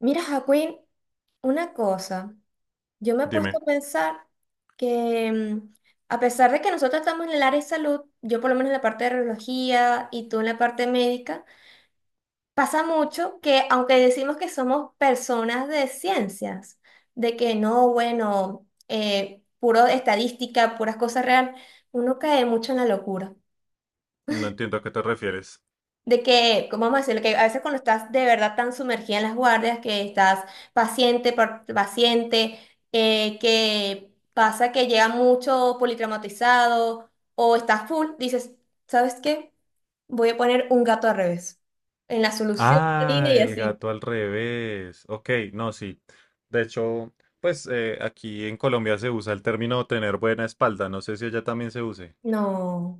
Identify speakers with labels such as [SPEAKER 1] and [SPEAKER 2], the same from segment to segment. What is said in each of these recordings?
[SPEAKER 1] Mira, Jacqueline, una cosa, yo me he puesto
[SPEAKER 2] Dime,
[SPEAKER 1] a pensar que a pesar de que nosotros estamos en el área de salud, yo por lo menos en la parte de radiología y tú en la parte médica, pasa mucho que aunque decimos que somos personas de ciencias, de que no, bueno, puro estadística, puras cosas real, uno cae mucho en la locura.
[SPEAKER 2] no entiendo a qué te refieres.
[SPEAKER 1] De que, ¿cómo vamos a decirlo? Que a veces cuando estás de verdad tan sumergida en las guardias, que estás paciente por paciente, que pasa que llega mucho politraumatizado o estás full, dices, ¿sabes qué? Voy a poner un gato al revés en la solución de
[SPEAKER 2] Ah,
[SPEAKER 1] línea y
[SPEAKER 2] el
[SPEAKER 1] así.
[SPEAKER 2] gato al revés. Ok, no, sí. De hecho, pues aquí en Colombia se usa el término tener buena espalda. No sé si allá también se use.
[SPEAKER 1] No.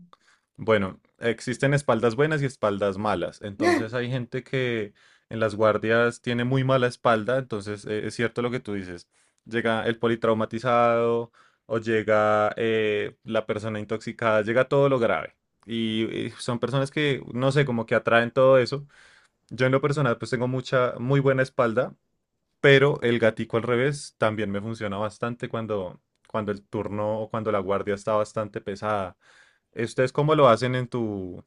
[SPEAKER 2] Bueno, existen espaldas buenas y espaldas malas. Entonces hay gente que en las guardias tiene muy mala espalda. Entonces es cierto lo que tú dices. Llega el politraumatizado o llega la persona intoxicada, llega todo lo grave. Y son personas que, no sé, como que atraen todo eso. Yo en lo personal pues tengo mucha, muy buena espalda, pero el gatico al revés también me funciona bastante cuando, cuando el turno o cuando la guardia está bastante pesada. ¿Ustedes cómo lo hacen en tu,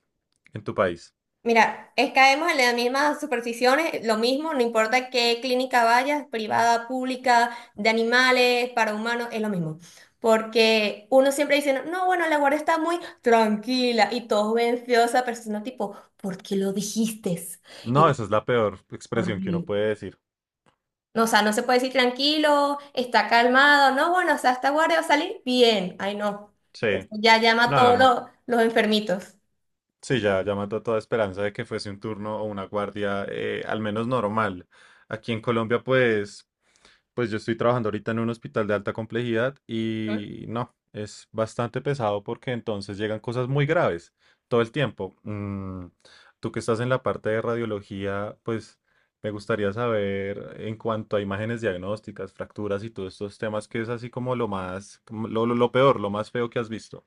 [SPEAKER 2] en tu país?
[SPEAKER 1] Mira, caemos en las mismas supersticiones, lo mismo, no importa qué clínica vayas, privada, pública, de animales, para humanos, es lo mismo. Porque uno siempre dice, no, no, bueno, la guardia está muy tranquila y todos ven feo a esa persona tipo, ¿por qué lo dijiste?
[SPEAKER 2] No,
[SPEAKER 1] Eres
[SPEAKER 2] esa es la peor expresión que uno
[SPEAKER 1] horrible.
[SPEAKER 2] puede decir.
[SPEAKER 1] No, o sea, no se puede decir tranquilo, está calmado, no, bueno, o sea, esta guardia va a salir bien. Ay, no.
[SPEAKER 2] Sí,
[SPEAKER 1] Ya llama a
[SPEAKER 2] no, no,
[SPEAKER 1] todos
[SPEAKER 2] no.
[SPEAKER 1] los enfermitos.
[SPEAKER 2] Sí, ya, ya mató toda esperanza de que fuese un turno o una guardia, al menos normal. Aquí en Colombia, pues yo estoy trabajando ahorita en un hospital de alta complejidad y no, es bastante pesado porque entonces llegan cosas muy graves todo el tiempo. Tú que estás en la parte de radiología, pues me gustaría saber en cuanto a imágenes diagnósticas, fracturas y todos estos temas, que es así como lo más, como lo peor, lo más feo que has visto.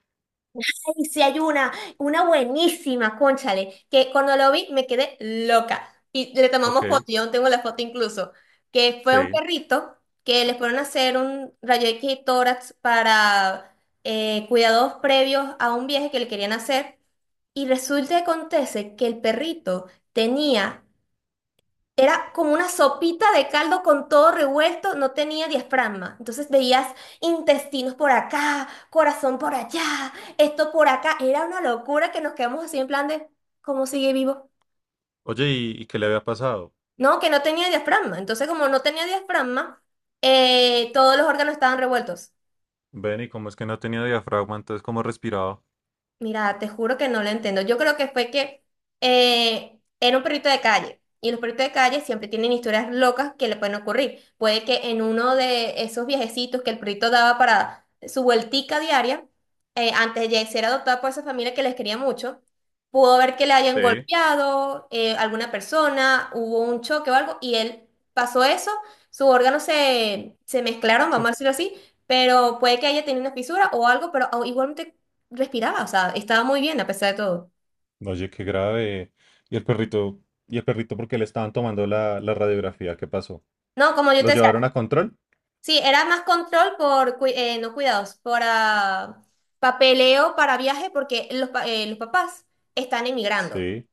[SPEAKER 1] Y si hay una buenísima, cónchale, que cuando lo vi me quedé loca. Y le
[SPEAKER 2] Ok,
[SPEAKER 1] tomamos foto, yo aún tengo la foto incluso, que fue un
[SPEAKER 2] sí.
[SPEAKER 1] perrito que les fueron a hacer un rayo X y tórax para cuidados previos a un viaje que le querían hacer. Y resulta que acontece que el perrito tenía era como una sopita de caldo con todo revuelto, no tenía diafragma. Entonces veías intestinos por acá, corazón por allá, esto por acá. Era una locura que nos quedamos así en plan de, ¿cómo sigue vivo?
[SPEAKER 2] Oye, ¿y qué le había pasado?
[SPEAKER 1] No, que no tenía diafragma. Entonces como no tenía diafragma, todos los órganos estaban revueltos.
[SPEAKER 2] Ven, ¿y cómo es que no tenía diafragma? Entonces, ¿cómo respiraba?
[SPEAKER 1] Mira, te juro que no lo entiendo. Yo creo que fue que era un perrito de calle y los perritos de calle siempre tienen historias locas que le pueden ocurrir. Puede que en uno de esos viajecitos que el perrito daba para su vueltica diaria, antes de ser adoptado por esa familia que les quería mucho, pudo ver que le hayan
[SPEAKER 2] Sí.
[SPEAKER 1] golpeado alguna persona, hubo un choque o algo y él pasó eso, sus órganos se mezclaron, vamos a decirlo así pero puede que haya tenido una fisura o algo, pero igualmente respiraba, o sea, estaba muy bien a pesar de todo.
[SPEAKER 2] Oye, qué grave. ¿Y el perrito? ¿Y el perrito por qué le estaban tomando la radiografía? ¿Qué pasó?
[SPEAKER 1] No, como yo te
[SPEAKER 2] ¿Los
[SPEAKER 1] decía,
[SPEAKER 2] llevaron a control?
[SPEAKER 1] sí, era más control por, no cuidados, por ah, papeleo para viaje, porque los papás están emigrando
[SPEAKER 2] Sí.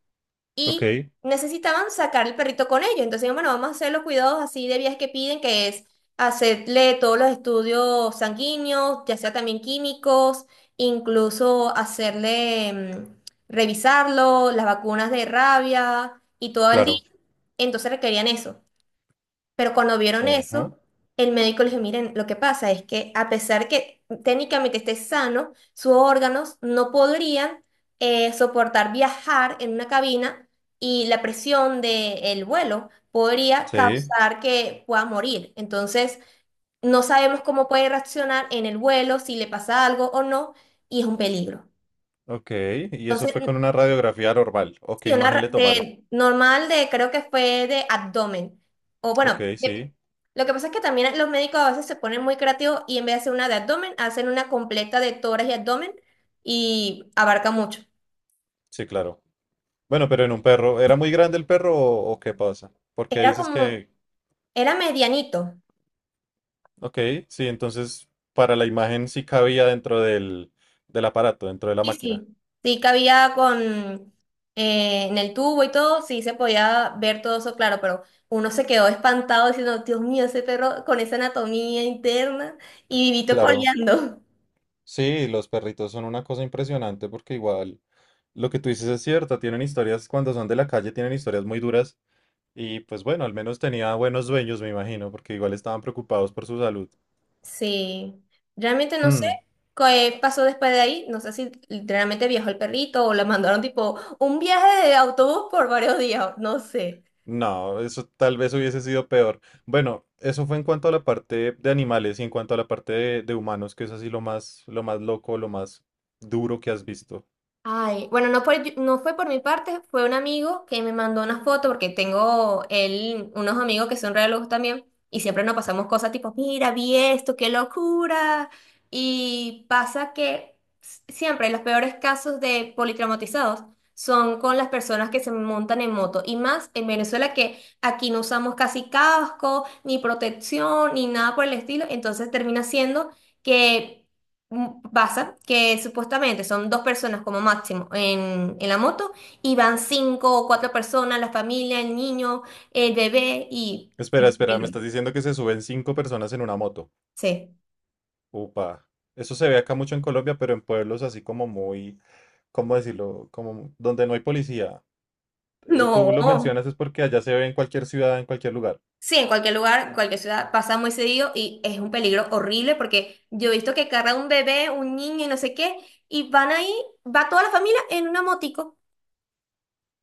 [SPEAKER 2] Ok,
[SPEAKER 1] y necesitaban sacar el perrito con ellos. Entonces, bueno, vamos a hacer los cuidados así de viajes que piden, que es hacerle todos los estudios sanguíneos, ya sea también químicos, incluso hacerle, revisarlo, las vacunas de rabia y todo el día.
[SPEAKER 2] claro.
[SPEAKER 1] Entonces requerían eso. Pero cuando vieron eso,
[SPEAKER 2] Ojo.
[SPEAKER 1] el médico les dijo, miren, lo que pasa es que a pesar que técnicamente esté sano, sus órganos no podrían soportar viajar en una cabina y la presión del vuelo podría
[SPEAKER 2] Sí.
[SPEAKER 1] causar que pueda morir. Entonces, no sabemos cómo puede reaccionar en el vuelo, si le pasa algo o no, y es un peligro.
[SPEAKER 2] Ok, y eso
[SPEAKER 1] Entonces,
[SPEAKER 2] fue con una radiografía normal. ¿O qué
[SPEAKER 1] sí, una
[SPEAKER 2] imagen le tomaron?
[SPEAKER 1] de normal de creo que fue de abdomen. O bueno,
[SPEAKER 2] Ok, sí.
[SPEAKER 1] lo que pasa es que también los médicos a veces se ponen muy creativos y en vez de hacer una de abdomen, hacen una completa de tórax y abdomen y abarca mucho.
[SPEAKER 2] Sí, claro. Bueno, pero en un perro. ¿Era muy grande el perro o qué pasa? Porque
[SPEAKER 1] Era
[SPEAKER 2] dices
[SPEAKER 1] como,
[SPEAKER 2] que.
[SPEAKER 1] era medianito.
[SPEAKER 2] Ok, sí, entonces para la imagen sí cabía dentro del aparato, dentro de la
[SPEAKER 1] Sí,
[SPEAKER 2] máquina.
[SPEAKER 1] sí. Sí, cabía con en el tubo y todo, sí se podía ver todo eso claro, pero uno se quedó espantado diciendo, Dios mío, ese perro con esa anatomía interna y vivito
[SPEAKER 2] Claro.
[SPEAKER 1] coleando.
[SPEAKER 2] Sí, los perritos son una cosa impresionante porque igual lo que tú dices es cierto, tienen historias cuando son de la calle, tienen historias muy duras y pues bueno, al menos tenía buenos dueños, me imagino, porque igual estaban preocupados por su salud.
[SPEAKER 1] Sí, realmente no sé
[SPEAKER 2] Mm,
[SPEAKER 1] qué pasó después de ahí. No sé si realmente viajó el perrito o le mandaron tipo un viaje de autobús por varios días. No sé.
[SPEAKER 2] no, eso tal vez hubiese sido peor. Bueno, eso fue en cuanto a la parte de animales y en cuanto a la parte de humanos, que es así lo más loco, lo más duro que has visto.
[SPEAKER 1] Ay, bueno, no, no fue por mi parte, fue un amigo que me mandó una foto porque tengo él, unos amigos que son re también y siempre nos pasamos cosas tipo, mira, vi esto, qué locura. Y pasa que siempre los peores casos de politraumatizados son con las personas que se montan en moto y más en Venezuela que aquí no usamos casi casco, ni protección, ni nada por el estilo, entonces termina siendo que pasa que supuestamente son dos personas como máximo en la moto y van cinco o cuatro personas, la familia, el niño, el bebé y... Es
[SPEAKER 2] Espera,
[SPEAKER 1] un
[SPEAKER 2] espera, me
[SPEAKER 1] peligro.
[SPEAKER 2] estás diciendo que se suben cinco personas en una moto.
[SPEAKER 1] Sí.
[SPEAKER 2] Upa. Eso se ve acá mucho en Colombia, pero en pueblos así como muy ¿cómo decirlo? Como donde no hay policía. Tú
[SPEAKER 1] No.
[SPEAKER 2] lo mencionas es porque allá se ve en cualquier ciudad, en cualquier lugar.
[SPEAKER 1] Sí, en cualquier lugar, en cualquier ciudad pasa muy seguido y es un peligro horrible porque yo he visto que carga un bebé, un niño y no sé qué, y van ahí, va toda la familia en una motico.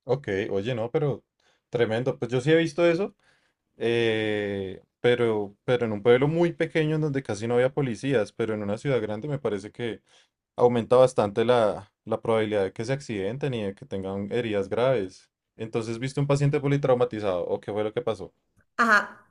[SPEAKER 2] Ok, oye, no, pero tremendo. Pues yo sí he visto eso, pero en un pueblo muy pequeño en donde casi no había policías, pero en una ciudad grande me parece que aumenta bastante la probabilidad de que se accidenten y de que tengan heridas graves. Entonces, ¿viste un paciente politraumatizado? ¿O qué fue lo que pasó?
[SPEAKER 1] Ajá.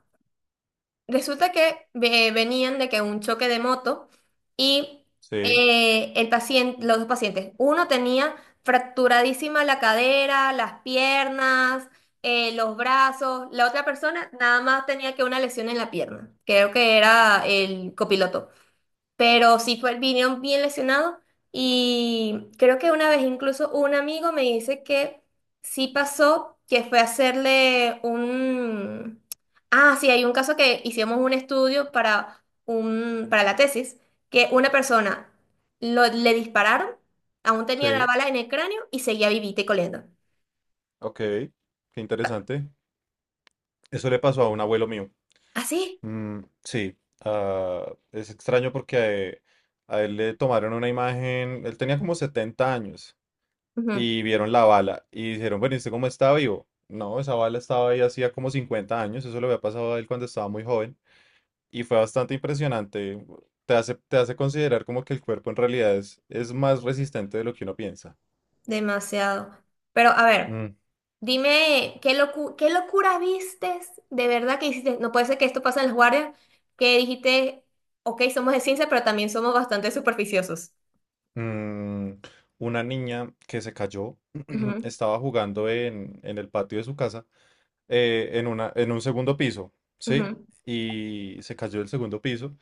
[SPEAKER 1] Resulta que venían de que un choque de moto y
[SPEAKER 2] Sí,
[SPEAKER 1] el paciente, los dos pacientes, uno tenía fracturadísima la cadera, las piernas, los brazos, la otra persona nada más tenía que una lesión en la pierna, creo que era el copiloto pero sí fue, vinieron bien lesionados y creo que una vez incluso un amigo me dice que sí pasó, que fue a hacerle un... Ah, sí, hay un caso que hicimos un estudio para, un, para la tesis, que una persona le dispararon, aún tenía la
[SPEAKER 2] sí,
[SPEAKER 1] bala en el cráneo y seguía vivita y coleando.
[SPEAKER 2] ok, qué interesante. Eso le pasó a un abuelo mío.
[SPEAKER 1] ¿Así?
[SPEAKER 2] Mm, sí, ah, es extraño porque a él, le tomaron una imagen, él tenía como 70 años y vieron la bala y dijeron, bueno, ¿y usted cómo está vivo? No, esa bala estaba ahí hacía como 50 años, eso le había pasado a él cuando estaba muy joven y fue bastante impresionante, te hace considerar como que el cuerpo en realidad es más resistente de lo que uno piensa.
[SPEAKER 1] Demasiado. Pero a ver.
[SPEAKER 2] Mm,
[SPEAKER 1] Dime, ¿qué qué locura vistes? De verdad que hiciste, no puede ser que esto pase en las guardias, que dijiste, ok, somos de ciencia, pero también somos bastante superficiosos.
[SPEAKER 2] mm, una niña que se cayó
[SPEAKER 1] Ujú,
[SPEAKER 2] estaba jugando en el patio de su casa en un segundo piso, ¿sí?
[SPEAKER 1] ujú.
[SPEAKER 2] Y se cayó del segundo piso.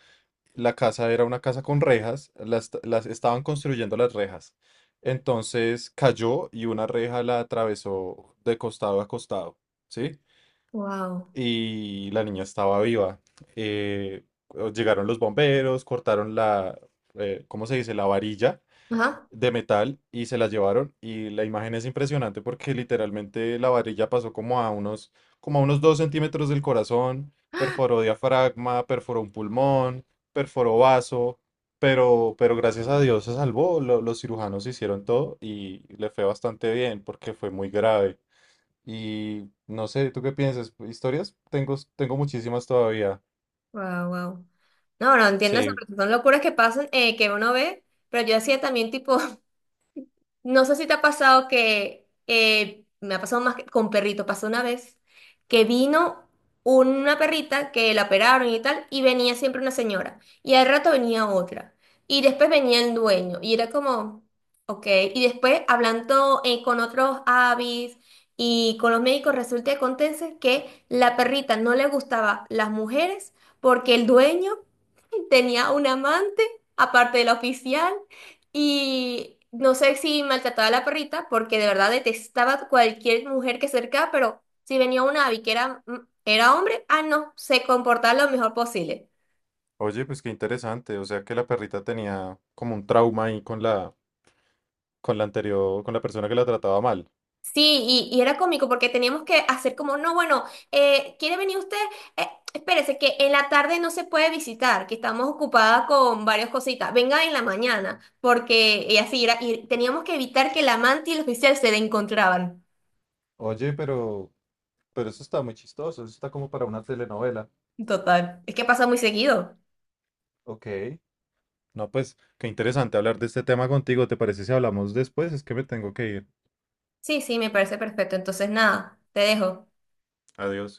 [SPEAKER 2] La casa era una casa con rejas, las estaban construyendo las rejas. Entonces cayó y una reja la atravesó de costado a costado, ¿sí?
[SPEAKER 1] Wow.
[SPEAKER 2] Y la niña estaba viva. Eh, llegaron los bomberos, cortaron la, ¿cómo se dice? La varilla
[SPEAKER 1] Ajá.
[SPEAKER 2] de metal y se las llevaron y la imagen es impresionante porque literalmente la varilla pasó como a unos 2 centímetros del corazón, perforó diafragma, perforó un pulmón, perforó vaso, pero gracias a Dios se salvó, los cirujanos hicieron todo y le fue bastante bien porque fue muy grave. Y no sé, ¿tú qué piensas? ¿Historias? Tengo muchísimas todavía.
[SPEAKER 1] Wow, wow. No, no entiendo eso,
[SPEAKER 2] Sí.
[SPEAKER 1] porque son locuras que pasan, que uno ve, pero yo hacía también tipo. No sé si te ha pasado que me ha pasado más que con perrito, pasó una vez que vino una perrita que la operaron y tal, y venía siempre una señora, y al rato venía otra, y después venía el dueño, y era como, ok, y después hablando con otros avis y con los médicos, resulta y acontece que la perrita no le gustaba las mujeres porque el dueño tenía un amante, aparte de la oficial. Y no sé si maltrataba a la perrita, porque de verdad detestaba cualquier mujer que se acercaba, pero si venía una avi que era, era hombre, ah, no, se comportaba lo mejor posible.
[SPEAKER 2] Oye, pues qué interesante. O sea que la perrita tenía como un trauma ahí con la anterior, con la persona que la trataba mal.
[SPEAKER 1] Sí, y era cómico porque teníamos que hacer como, no, bueno, ¿quiere venir usted? Espérese, que en la tarde no se puede visitar, que estamos ocupadas con varias cositas. Venga en la mañana, porque y así era, y teníamos que evitar que la amante y el oficial se le encontraban.
[SPEAKER 2] Oye, pero eso está muy chistoso, eso está como para una telenovela.
[SPEAKER 1] Total, es que pasa muy seguido.
[SPEAKER 2] Ok. No, pues, qué interesante hablar de este tema contigo. ¿Te parece si hablamos después? Es que me tengo que ir.
[SPEAKER 1] Sí, sí, me parece perfecto. Entonces, nada, te dejo.
[SPEAKER 2] Adiós.